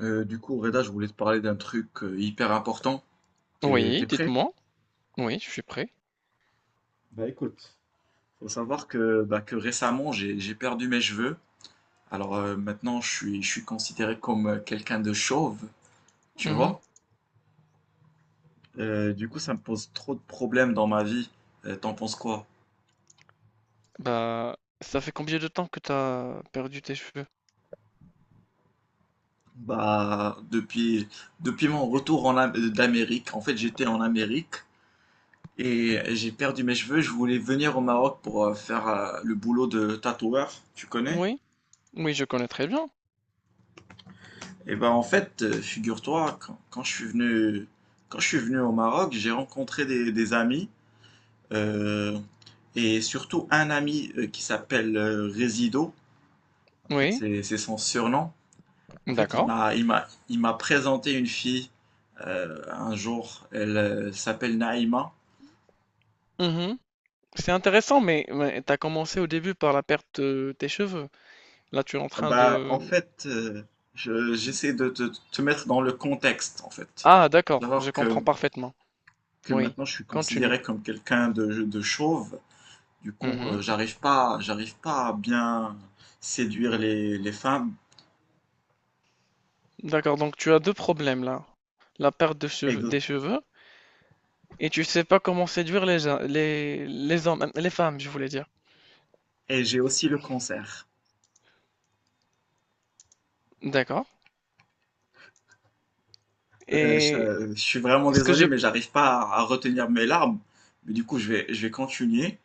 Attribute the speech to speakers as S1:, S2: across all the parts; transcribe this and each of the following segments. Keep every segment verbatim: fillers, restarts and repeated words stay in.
S1: Euh, du coup, Reda, je voulais te parler d'un truc euh, hyper important. T'es,
S2: Oui,
S1: t'es prêt?
S2: dites-moi. Oui, je suis prêt.
S1: Faut savoir que, bah, que récemment, j'ai, j'ai perdu mes cheveux. Alors euh, maintenant, je suis, je suis considéré comme euh, quelqu'un de chauve, tu
S2: Mmh.
S1: vois? Euh, du coup, ça me pose trop de problèmes dans ma vie. Euh, t'en penses quoi?
S2: Bah, ça fait combien de temps que t'as perdu tes cheveux?
S1: Bah, depuis, depuis mon retour en Am- euh, d'Amérique, en fait, j'étais en Amérique et j'ai perdu mes cheveux. Je voulais venir au Maroc pour euh, faire euh, le boulot de tatoueur, tu connais?
S2: Oui, oui, je connais très bien.
S1: Eh ben en fait, euh, figure-toi, quand, quand je suis venu, quand je suis venu au Maroc, j'ai rencontré des, des amis, euh, et surtout un ami euh, qui s'appelle euh, Résido. En fait,
S2: Oui,
S1: c'est c'est son surnom. En fait, il
S2: d'accord.
S1: m'a, il m'a, il m'a présenté une fille euh, un jour. Elle, euh, s'appelle Naïma.
S2: Mmh. C'est intéressant, mais mais tu commencé au début par la perte de tes cheveux. Là, tu es en
S1: Ah
S2: train
S1: bah, en
S2: de
S1: fait, euh, je- j'essaie de te, te mettre dans le contexte, en fait.
S2: ah
S1: Faut
S2: d'accord, je
S1: savoir
S2: comprends
S1: que,
S2: parfaitement.
S1: que
S2: Oui,
S1: maintenant, je suis
S2: continue.
S1: considéré comme quelqu'un de, de chauve. Du coup,
S2: Mmh.
S1: euh, j'arrive pas, j'arrive pas à bien séduire les, les femmes
S2: D'accord, donc tu as deux problèmes là. La perte de
S1: et,
S2: cheveux des cheveux et tu sais pas comment séduire les gens les les hommes, les femmes, je voulais dire.
S1: et j'ai aussi le cancer.
S2: D'accord,
S1: Euh, je,
S2: et
S1: euh, je suis vraiment
S2: est-ce que
S1: désolé,
S2: je
S1: mais j'arrive pas à, à retenir mes larmes. Mais du coup, je vais, je vais continuer.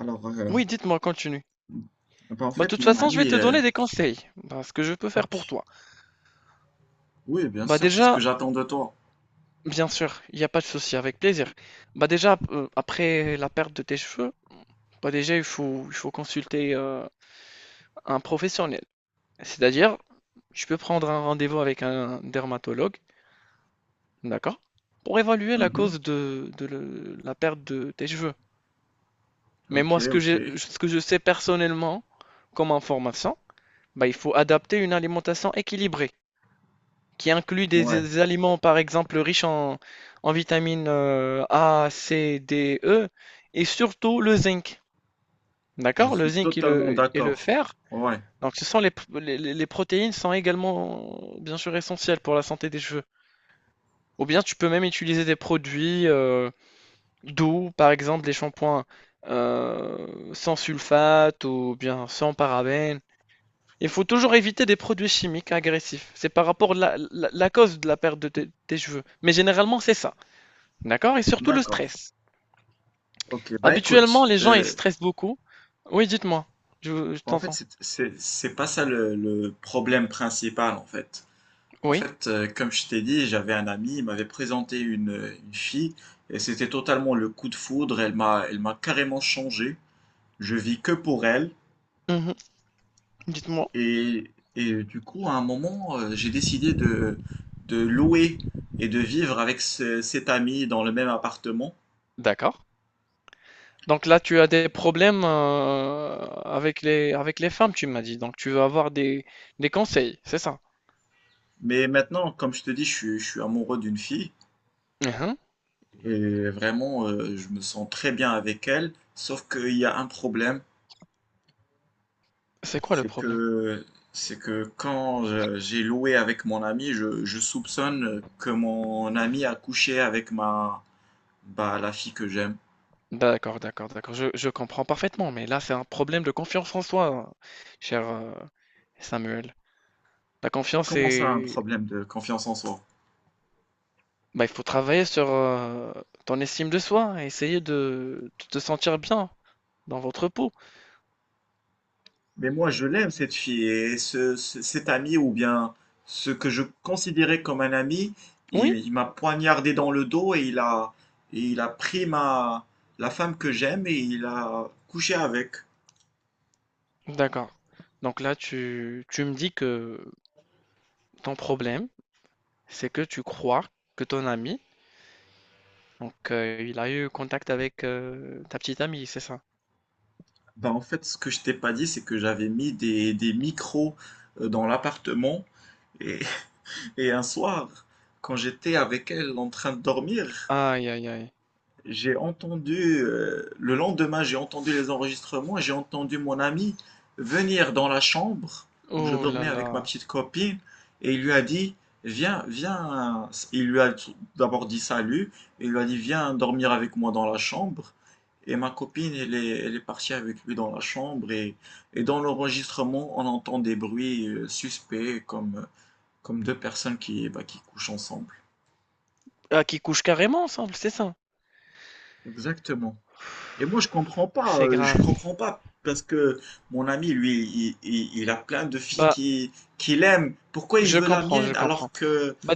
S1: Alors, euh,
S2: oui, dites-moi, continue.
S1: bah, en
S2: Bah, de
S1: fait,
S2: toute
S1: mon
S2: façon, je vais
S1: ami,
S2: te
S1: euh,
S2: donner des conseils, bah, ce que je peux faire
S1: ok,
S2: pour toi.
S1: oui, bien
S2: Bah,
S1: sûr, c'est ce
S2: déjà,
S1: que j'attends de toi.
S2: bien sûr, il n'y a pas de souci, avec plaisir. Bah, déjà, euh, après la perte de tes cheveux, bah, déjà, il faut, il faut consulter euh, un professionnel. C'est-à-dire, tu peux prendre un rendez-vous avec un dermatologue, d'accord, pour évaluer la
S1: Mhm.
S2: cause de, de le- la perte de tes cheveux. Mais
S1: Ok,
S2: moi, ce que
S1: ok.
S2: j'ai, ce que je sais personnellement comme information, bah, il faut adapter une alimentation équilibrée, qui inclut des,
S1: Ouais,
S2: des aliments, par exemple, riches en, en vitamines euh, A, C, D, E, et surtout le zinc.
S1: je
S2: D'accord? Le
S1: suis
S2: zinc et
S1: totalement
S2: le, et le
S1: d'accord.
S2: fer.
S1: Ouais,
S2: Donc, ce sont les, les, les- protéines sont également, euh, bien sûr, essentielles pour la santé des cheveux. Ou bien, tu peux même utiliser des produits euh, doux, par exemple, des shampoings euh, sans sulfate ou bien sans parabènes. Il faut toujours éviter des produits chimiques agressifs. C'est par rapport à la, la- la cause de la perte de tes tes cheveux. Mais généralement, c'est ça. D'accord? Et surtout le
S1: d'accord.
S2: stress.
S1: Ok, bah
S2: Habituellement,
S1: écoute,
S2: les gens, ils
S1: euh,
S2: stressent beaucoup. Oui, dites-moi. Je, je
S1: en fait,
S2: t'entends.
S1: c'est c'est- c'est pas ça le, le problème principal, en fait. En
S2: Oui.
S1: fait, euh, comme je t'ai dit, j'avais un ami, il m'avait présenté une, une fille, et c'était totalement le coup de foudre, elle m'a, elle m'a carrément changé. Je vis que pour elle,
S2: Mhm. Dites-moi.
S1: et, et du coup, à un moment, euh, j'ai décidé de, de louer et de vivre avec ce- cet ami dans le même appartement.
S2: D'accord. Donc là, tu as des problèmes euh, avec les, avec les femmes, tu m'as dit. Donc tu veux avoir des, des conseils, c'est ça?
S1: Mais maintenant, comme je te dis, je suis, je suis amoureux d'une fille,
S2: Mhm.
S1: et vraiment, euh, je me sens très bien avec elle, sauf qu'il y a un problème.
S2: C'est quoi le
S1: C'est
S2: problème?
S1: que c'est que quand je- j'ai loué avec mon ami, je, je soupçonne que mon ami a couché avec ma bah, la fille que j'aime.
S2: D'accord, d'accord, d'accord. Je, je comprends parfaitement. Mais là, c'est un problème de confiance en soi, cher euh, Samuel. La confiance
S1: Comment ça, un
S2: est,
S1: problème de confiance en soi?
S2: bah, il faut travailler sur euh, ton estime de soi, et essayer de, de te sentir bien dans votre peau.
S1: Mais moi, je l'aime cette fille et ce, ce- cet ami ou bien ce que je considérais comme un ami, il,
S2: Oui?
S1: il m'a poignardé dans le dos et il a et il a pris ma la femme que j'aime et il a couché avec.
S2: D'accord. Donc là, tu, tu me dis que ton problème, c'est que tu crois que ton ami, donc euh, il a eu contact avec euh, ta petite amie, c'est ça?
S1: Bah, en fait, ce que je t'ai pas dit, c'est que j'avais mis des, des micros euh, dans l'appartement. Et, et un soir, quand j'étais avec elle en train de dormir,
S2: Aïe, aïe, aïe.
S1: j'ai entendu, euh, le lendemain, j'ai entendu les enregistrements et j'ai entendu mon ami venir dans la chambre où je
S2: Oh
S1: dormais
S2: là
S1: avec ma
S2: là.
S1: petite copine et il lui a dit, viens, viens, il lui a d'abord dit salut et il lui a dit, viens dormir avec moi dans la chambre. Et ma copine, elle est, elle est partie avec lui dans la chambre et, et dans l'enregistrement, on entend des bruits euh, suspects comme, comme deux personnes qui, bah, qui couchent ensemble.
S2: Ah, qui couche carrément ensemble, c'est ça?
S1: Exactement. Et moi, je comprends pas,
S2: C'est
S1: euh,
S2: grave.
S1: je comprends pas, parce que mon ami, lui, il, il- il a plein de filles
S2: Bah,
S1: qui, qu'il aime. Pourquoi il
S2: je
S1: veut la
S2: comprends, je
S1: mienne
S2: comprends.
S1: alors que...
S2: Bah,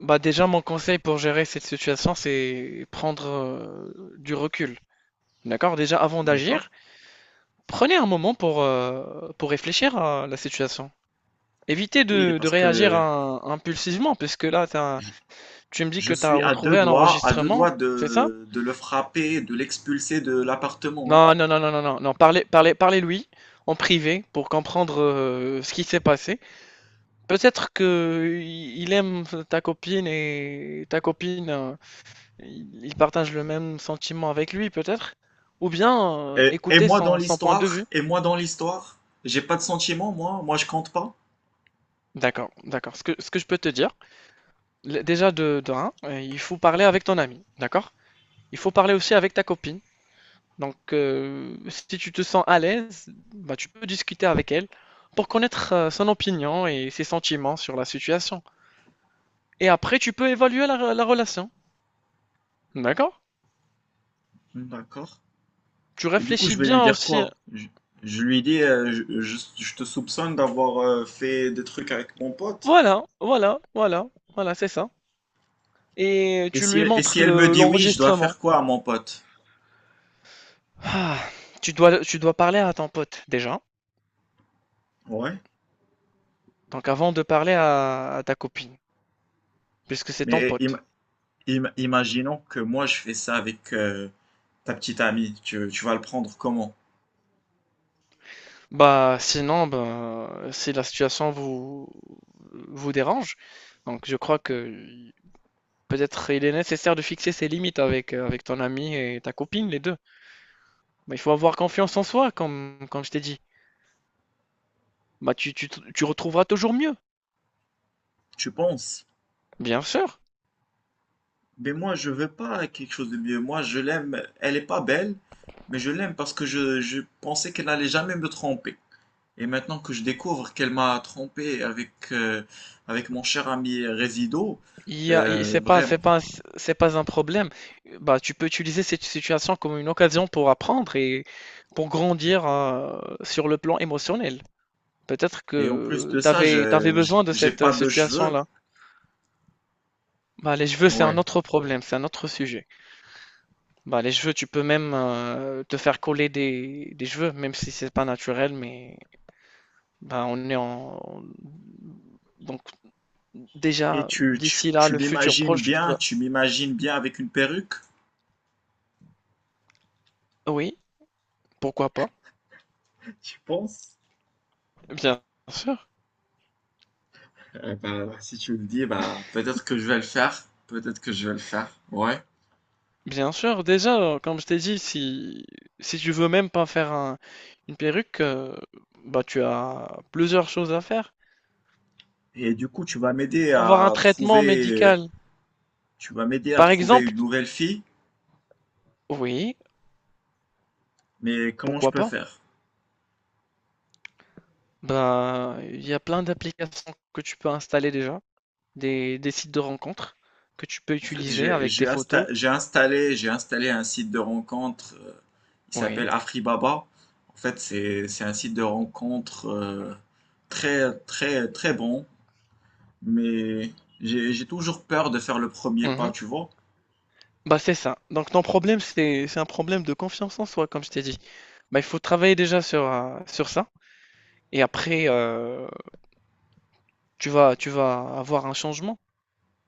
S2: bah déjà, mon conseil pour gérer cette situation, c'est prendre euh, du recul. D'accord? Déjà, avant
S1: D'accord.
S2: d'agir, prenez un moment pour, euh, pour réfléchir à la situation. Évitez
S1: Oui,
S2: de, de
S1: parce
S2: réagir
S1: que
S2: à- impulsivement, puisque là, t'as- tu me dis
S1: je
S2: que tu as
S1: suis à deux
S2: retrouvé un
S1: doigts, à deux
S2: enregistrement,
S1: doigts
S2: c'est ça?
S1: de, de le frapper, de l'expulser de l'appartement, hein.
S2: Non, non, non, non, non, non, non. Parlez, parlez, parlez-lui en privé pour comprendre euh, ce qui s'est passé. Peut-être que il il aime ta copine et ta copine. euh, Ils ils partagent le même sentiment avec lui peut-être? Ou bien, heu,
S1: Et, et
S2: écouter
S1: moi dans
S2: son son point de
S1: l'histoire,
S2: vue?
S1: et moi dans l'histoire, j'ai pas de sentiment, moi, moi je compte pas.
S2: D'accord, d'accord. Ce que ce que je peux te dire, l déjà de de un, heu, il faut parler avec ton ami, d'accord? Il faut parler aussi avec ta copine. Donc, heu, si tu te sens à l'aise, bah, tu peux discuter avec elle pour connaître, heu, son opinion et ses sentiments sur la situation. Et après tu peux évaluer la re la relation, d'accord?
S1: D'accord.
S2: Tu
S1: Et du coup,
S2: réfléchis
S1: je vais lui
S2: bien
S1: dire
S2: aussi
S1: quoi? Je, je lui dis, euh, je, je- je te soupçonne d'avoir euh, fait des trucs avec mon pote.
S2: voilà, voilà, voilà, voilà, c'est ça. Et
S1: Et
S2: tu
S1: si
S2: lui
S1: elle, et si
S2: montres
S1: elle me
S2: le-
S1: dit oui, je dois
S2: l'enregistrement.
S1: faire quoi, mon pote?
S2: Ah, tu dois, tu dois parler à ton pote déjà.
S1: Ouais.
S2: Donc avant de parler à, à ta copine, puisque c'est ton
S1: Mais im-
S2: pote.
S1: im- imaginons que moi je fais ça avec euh, ta petite amie. Tu, tu vas le prendre comment?
S2: Bah sinon, bah, si la situation vous, vous dérange, donc je crois que peut-être il est nécessaire de fixer ses limites avec, euh, avec ton ami et ta copine, les deux. Mais il faut avoir confiance en soi, comme, comme je t'ai dit. Bah tu, tu, tu retrouveras toujours mieux,
S1: Tu penses?
S2: bien sûr.
S1: Mais moi je veux pas quelque chose de mieux. Moi je l'aime. Elle est pas belle, mais je l'aime parce que je, je pensais qu'elle allait jamais me tromper. Et maintenant que je découvre qu'elle m'a trompé avec euh, avec mon cher ami Résido,
S2: Il y a- il-
S1: euh,
S2: c'est pas,
S1: vraiment.
S2: c'est pas, c'est pas un problème. Bah, tu peux utiliser cette situation comme une occasion pour apprendre et pour grandir euh, sur le plan émotionnel. Peut-être
S1: Et en plus
S2: que
S1: de
S2: tu
S1: ça,
S2: avais
S1: je je-
S2: besoin de
S1: j'ai
S2: cette euh,
S1: pas de cheveux.
S2: situation-là. Bah, les cheveux, c'est un
S1: Ouais.
S2: autre problème, c'est un autre sujet. Bah, les cheveux, tu peux même euh, te faire coller des, des cheveux, même si c'est pas naturel, mais bah, on est en... Donc,
S1: Et
S2: déjà,
S1: tu, tu,
S2: d'ici là,
S1: tu
S2: le futur
S1: m'imagines
S2: proche,
S1: bien,
S2: bah,
S1: tu m'imagines bien avec une perruque,
S2: oui, pourquoi pas,
S1: tu penses?
S2: bien sûr.
S1: Eh ben, si tu me dis, bah, peut-être que je vais le faire. Peut-être que je vais le faire. Ouais.
S2: Bien sûr, déjà, euh, comme je t'ai dit, si, si tu veux même pas faire un- une perruque, euh, bah, tu as plusieurs choses à faire.
S1: Et du coup, tu vas m'aider
S2: Avoir un
S1: à
S2: traitement
S1: trouver, euh,
S2: médical,
S1: tu vas m'aider à
S2: par
S1: trouver
S2: exemple,
S1: une nouvelle fille.
S2: oui,
S1: Mais comment je
S2: pourquoi
S1: peux
S2: pas?
S1: faire?
S2: Ben il y a plein d'applications que tu peux installer déjà, des, des sites de rencontres que tu peux
S1: En fait,
S2: utiliser
S1: j'ai,
S2: avec tes
S1: j'ai insta-
S2: photos.
S1: j'ai installé, j'ai installé un site de rencontre. Euh, il s'appelle
S2: Oui.
S1: Afribaba. En fait, c'est, c'est un site de rencontre euh, très, très, très bon. Mais j'ai j'ai toujours peur de faire le premier pas,
S2: Mhm.
S1: tu vois.
S2: Bah, c'est ça. Donc, ton problème, c'est, c'est un problème de confiance en soi, comme je t'ai dit. Bah, il faut travailler déjà sur, euh, sur ça. Et après, euh, tu vas, tu vas avoir un changement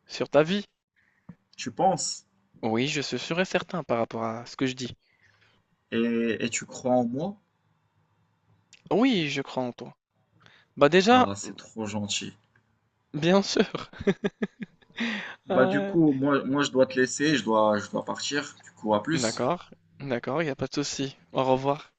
S2: sur ta vie.
S1: Tu penses,
S2: Oui, je suis sûr et certain par rapport à ce que je dis.
S1: et, et tu crois en moi.
S2: Oui, je crois en toi. Bah déjà,
S1: Ah, c'est trop gentil.
S2: bien sûr.
S1: Bah du
S2: Ouais.
S1: coup, moi, moi je dois te laisser, je dois, je dois partir. Du coup, à plus.
S2: D'accord, d'accord, il n'y a pas de souci. Au revoir.